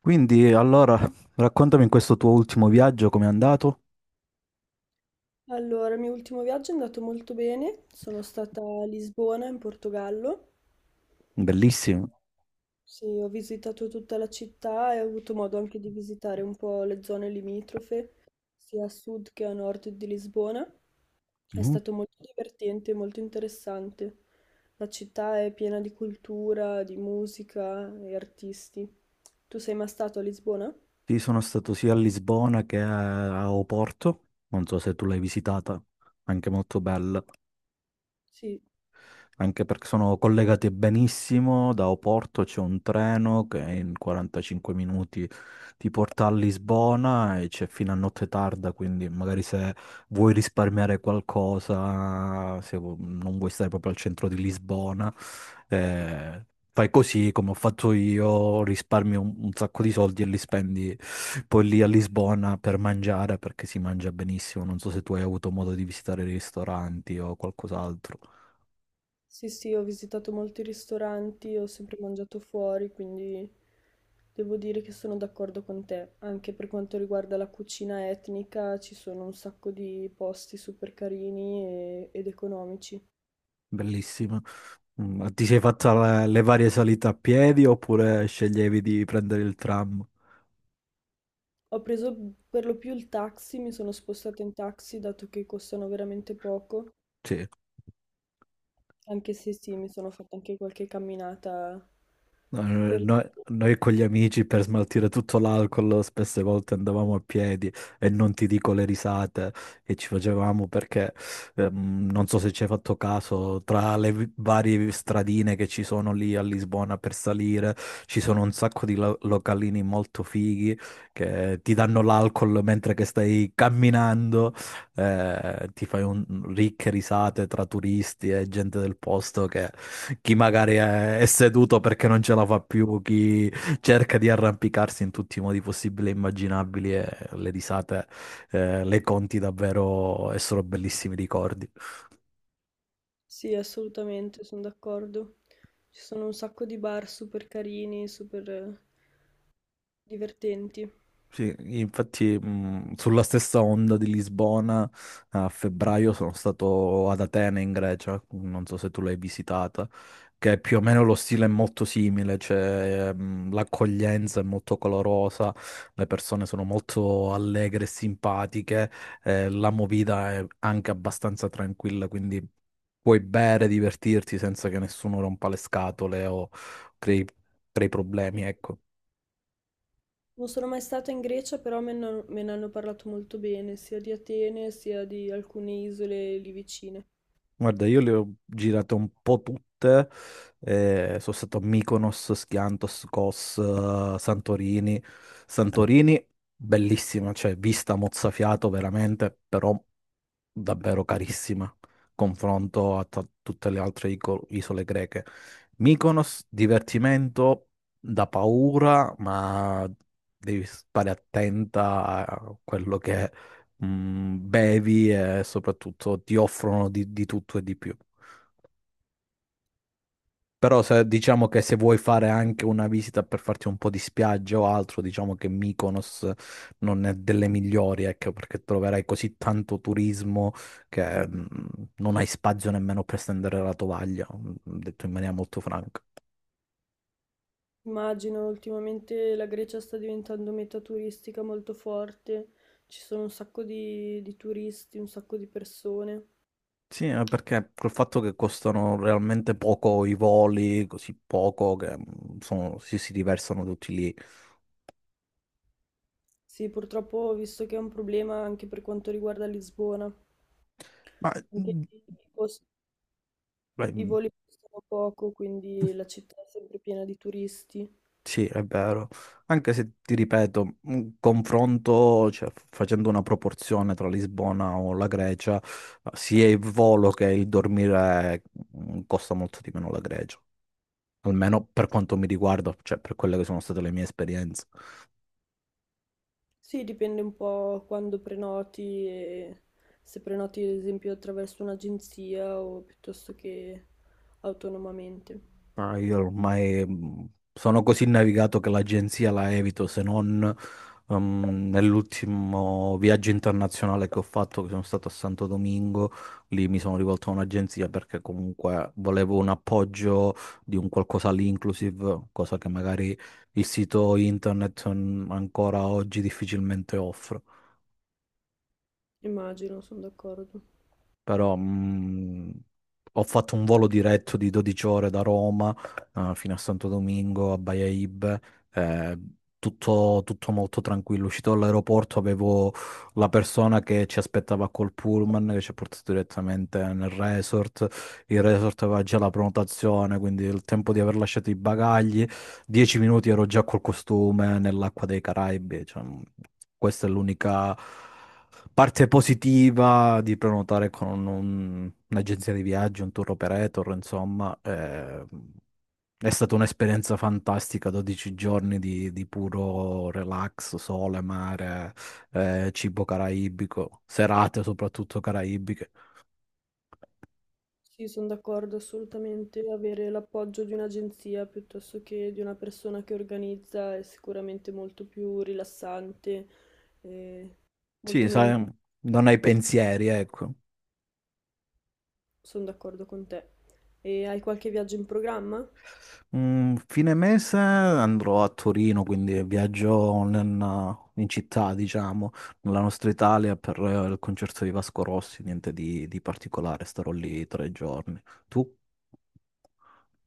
Quindi, allora, raccontami in questo tuo ultimo viaggio com'è andato? Allora, il mio ultimo viaggio è andato molto bene, sono stata a Lisbona in Portogallo, Bellissimo. sì, ho visitato tutta la città e ho avuto modo anche di visitare un po' le zone limitrofe, sia a sud che a nord di Lisbona. È Mhm. stato molto divertente, molto interessante. La città è piena di cultura, di musica e artisti. Tu sei mai stato a Lisbona? Sì, sono stato sia a Lisbona che a Oporto, non so se tu l'hai visitata, anche molto bella. Sì. Anche perché sono collegate benissimo, da Oporto c'è un treno che in 45 minuti ti porta a Lisbona e c'è fino a notte tarda, quindi magari se vuoi risparmiare qualcosa, se vu- non vuoi stare proprio al centro di Lisbona, eh, fai così come ho fatto io, risparmi un sacco di soldi e li spendi poi lì a Lisbona per mangiare perché si mangia benissimo. Non so se tu hai avuto modo di visitare i ristoranti o qualcos'altro. Sì, sì, ho visitato molti ristoranti, ho sempre mangiato fuori, quindi devo dire che sono d'accordo con te. Anche per quanto riguarda la cucina etnica, ci sono un sacco di posti super carini e- ed economici. Bellissima. Ma ti sei fatta le varie salite a piedi oppure sceglievi di prendere il tram? Ho preso per lo più il taxi, mi sono spostata in taxi dato che costano veramente poco, Sì. anche se sì, mi sono fatta anche qualche camminata No, no, per... noi con gli amici per smaltire tutto l'alcol spesse volte andavamo a piedi e non ti dico le risate che ci facevamo perché non so se ci hai fatto caso, tra le varie stradine che ci sono lì a Lisbona per salire ci sono un sacco di localini molto fighi che ti danno l'alcol mentre che stai camminando. Ti fai ricche risate tra turisti e gente del posto, che chi magari è seduto perché non ce la fa più, chi cerca di arrampicarsi in tutti i modi possibili e immaginabili, e le risate, le conti davvero, e sono bellissimi ricordi. Sì, assolutamente, sono d'accordo. Ci sono un sacco di bar super carini, super divertenti. Sì, infatti, sulla stessa onda di Lisbona, a febbraio sono stato ad Atene in Grecia, non so se tu l'hai visitata, che più o meno lo stile è molto simile, cioè l'accoglienza è molto colorosa, le persone sono molto allegre e simpatiche, la movida è anche abbastanza tranquilla, quindi puoi bere, divertirti senza che nessuno rompa le scatole o crei, crei, problemi, ecco. Non sono mai stata in Grecia, però me ne hanno parlato molto bene, sia di Atene sia di alcune isole lì vicine. Guarda, io le ho girate un po' tutte, sono stato a Mykonos, Skiathos, Kos, Santorini. Santorini, bellissima, cioè vista mozzafiato veramente, però davvero carissima, confronto a tutte le altre isole greche. Mykonos, divertimento da paura, ma devi stare attenta a quello che bevi, e soprattutto ti offrono di tutto e di più. Però se, diciamo che se vuoi fare anche una visita per farti un po' di spiaggia o altro, diciamo che Mykonos non è delle migliori, ecco, perché troverai così tanto turismo che non hai spazio nemmeno per stendere la tovaglia, detto in maniera molto franca. Immagino, ultimamente la Grecia sta diventando meta turistica molto forte, ci sono un sacco di turisti, un sacco di persone. Sì, perché col fatto che costano realmente poco i voli, così poco, che si riversano tutti lì. Sì, purtroppo ho visto che è un problema anche per quanto riguarda Lisbona. Ma Anche mm, lì i costi. I beh. voli costano poco, quindi la città è sempre piena di turisti. Sì, è vero. Anche se ti ripeto, un confronto, cioè, facendo una proporzione tra Lisbona o la Grecia, sia il volo che il dormire costa molto di meno la Grecia, almeno per quanto mi riguarda, cioè per quelle che sono state le mie esperienze. Sì, dipende un po' quando prenoti e se prenoti ad esempio attraverso un'agenzia o piuttosto che autonomamente. Ma io ormai, sono così navigato che l'agenzia la evito, se non nell'ultimo viaggio internazionale che ho fatto, che sono stato a Santo Domingo, lì mi sono rivolto a un'agenzia perché comunque volevo un appoggio di un qualcosa lì inclusive, cosa che magari il sito internet, ancora oggi difficilmente offre. Immagino, sono d'accordo. Però ho fatto un volo diretto di 12 ore da Roma, fino a Santo Domingo, a Baia Ibe. eh, tutto molto tranquillo. Uscito dall'aeroporto avevo la persona che ci aspettava col pullman, che ci ha portato direttamente nel resort, il resort aveva già la prenotazione, quindi il tempo di aver lasciato i bagagli, 10 minuti ero già col costume nell'acqua dei Caraibi, cioè, questa è l'unica parte positiva di prenotare con un'agenzia di viaggio, un tour operator, insomma. È stata un'esperienza fantastica, 12 giorni di puro relax, sole, mare, cibo caraibico, serate soprattutto caraibiche. Sì, sono d'accordo assolutamente. Avere l'appoggio di un'agenzia piuttosto che di una persona che organizza è sicuramente molto più rilassante e molto Sì, meno imp- sai, non hai pensieri, ecco. Sono d'accordo con te. E hai qualche viaggio in programma? Fine mese andrò a Torino, quindi viaggio in città, diciamo, nella nostra Italia per il concerto di Vasco Rossi, niente di particolare, starò lì 3 giorni. Tu?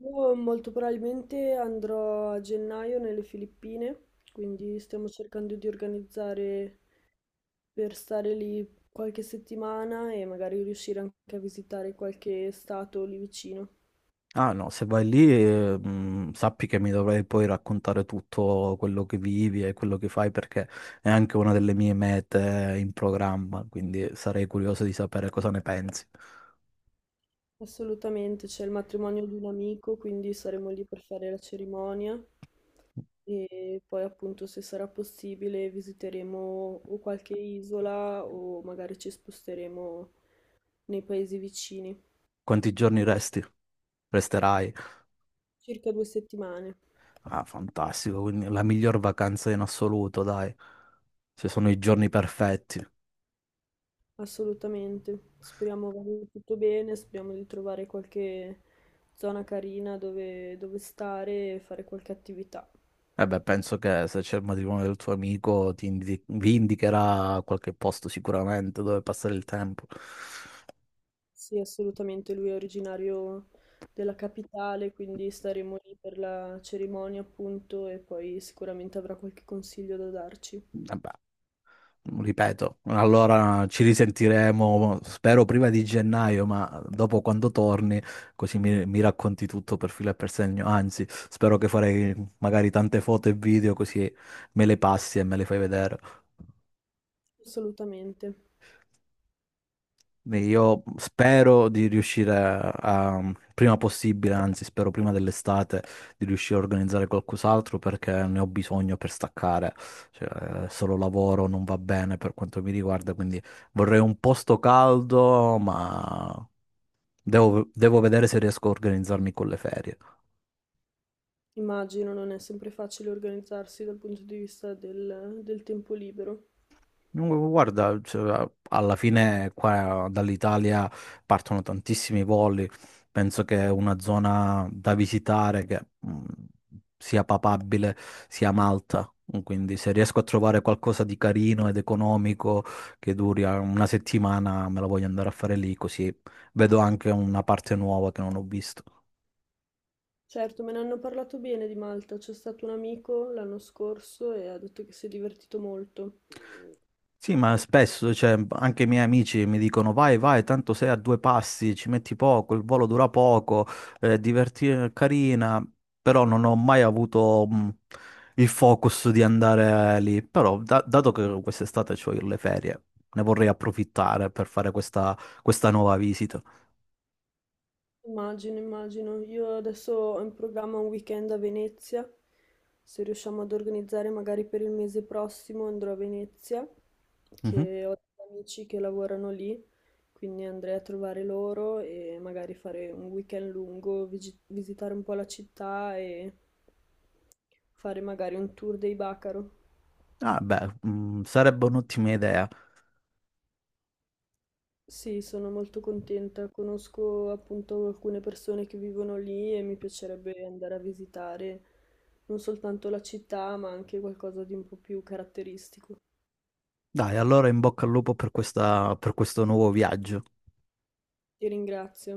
Io molto probabilmente andrò a gennaio nelle Filippine, quindi stiamo cercando di organizzare per stare lì qualche settimana e magari riuscire anche a visitare qualche stato lì vicino. Ah no, se vai lì, sappi che mi dovrai poi raccontare tutto quello che vivi e quello che fai, perché è anche una delle mie mete in programma, quindi sarei curioso di sapere cosa ne pensi. Assolutamente, c'è il matrimonio di un amico, quindi saremo lì per fare la cerimonia e poi appunto se sarà possibile visiteremo o qualche isola o magari ci sposteremo nei paesi vicini. Quanti giorni resti? Resterai? Circa due settimane. Ah, fantastico, quindi la miglior vacanza in assoluto, dai. Se sono i giorni perfetti. Assolutamente, speriamo vada tutto bene, speriamo di trovare qualche zona carina dove stare e fare qualche attività. Eh beh, penso che se c'è il matrimonio del tuo amico, vi indicherà qualche posto sicuramente dove passare il tempo. Sì, assolutamente, lui è originario della capitale, quindi staremo lì per la cerimonia, appunto, e poi sicuramente avrà qualche consiglio da darci. Eh beh, ripeto, allora ci risentiremo, spero prima di gennaio, ma dopo quando torni, così mi racconti tutto per filo e per segno. Anzi, spero che farei magari tante foto e video, così me le passi e me le fai vedere. Assolutamente. Beh, io spero di riuscire prima possibile, anzi spero prima dell'estate, di riuscire a organizzare qualcos'altro perché ne ho bisogno per staccare. Cioè, solo lavoro non va bene per quanto mi riguarda, quindi vorrei un posto caldo, ma devo vedere se riesco a organizzarmi con le ferie. Immagino non è sempre facile organizzarsi dal punto di vista del tempo libero. Dunque, guarda, cioè, alla fine qua dall'Italia partono tantissimi voli, penso che è una zona da visitare, che sia papabile sia Malta, quindi se riesco a trovare qualcosa di carino ed economico che duri una settimana, me la voglio andare a fare lì, così vedo anche una parte nuova che non ho visto. Certo, me ne hanno parlato bene di Malta. C'è stato un amico l'anno scorso e ha detto che si è divertito molto. Sì, ma spesso, cioè, anche i miei amici mi dicono vai, vai, tanto sei a due passi, ci metti poco, il volo dura poco, è carina, però non ho mai avuto il focus di andare lì. Però, dato che quest'estate ho le ferie, ne vorrei approfittare per fare questa, nuova visita. Immagino, immagino. Io adesso ho in programma un weekend a Venezia. Se riusciamo ad organizzare magari per il mese prossimo andrò a Venezia, Mhm. che ho degli amici che lavorano lì, quindi andrei a trovare loro e magari fare un weekend lungo, vigi- visitare un po' la città e fare magari un tour dei Bacaro. Ah, beh, sarebbe un'ottima idea. Sì, sono molto contenta. Conosco appunto alcune persone che vivono lì e mi piacerebbe andare a visitare non soltanto la città, ma anche qualcosa di un po' più caratteristico. Dai, allora in bocca al lupo per per questo nuovo viaggio. Ti ringrazio.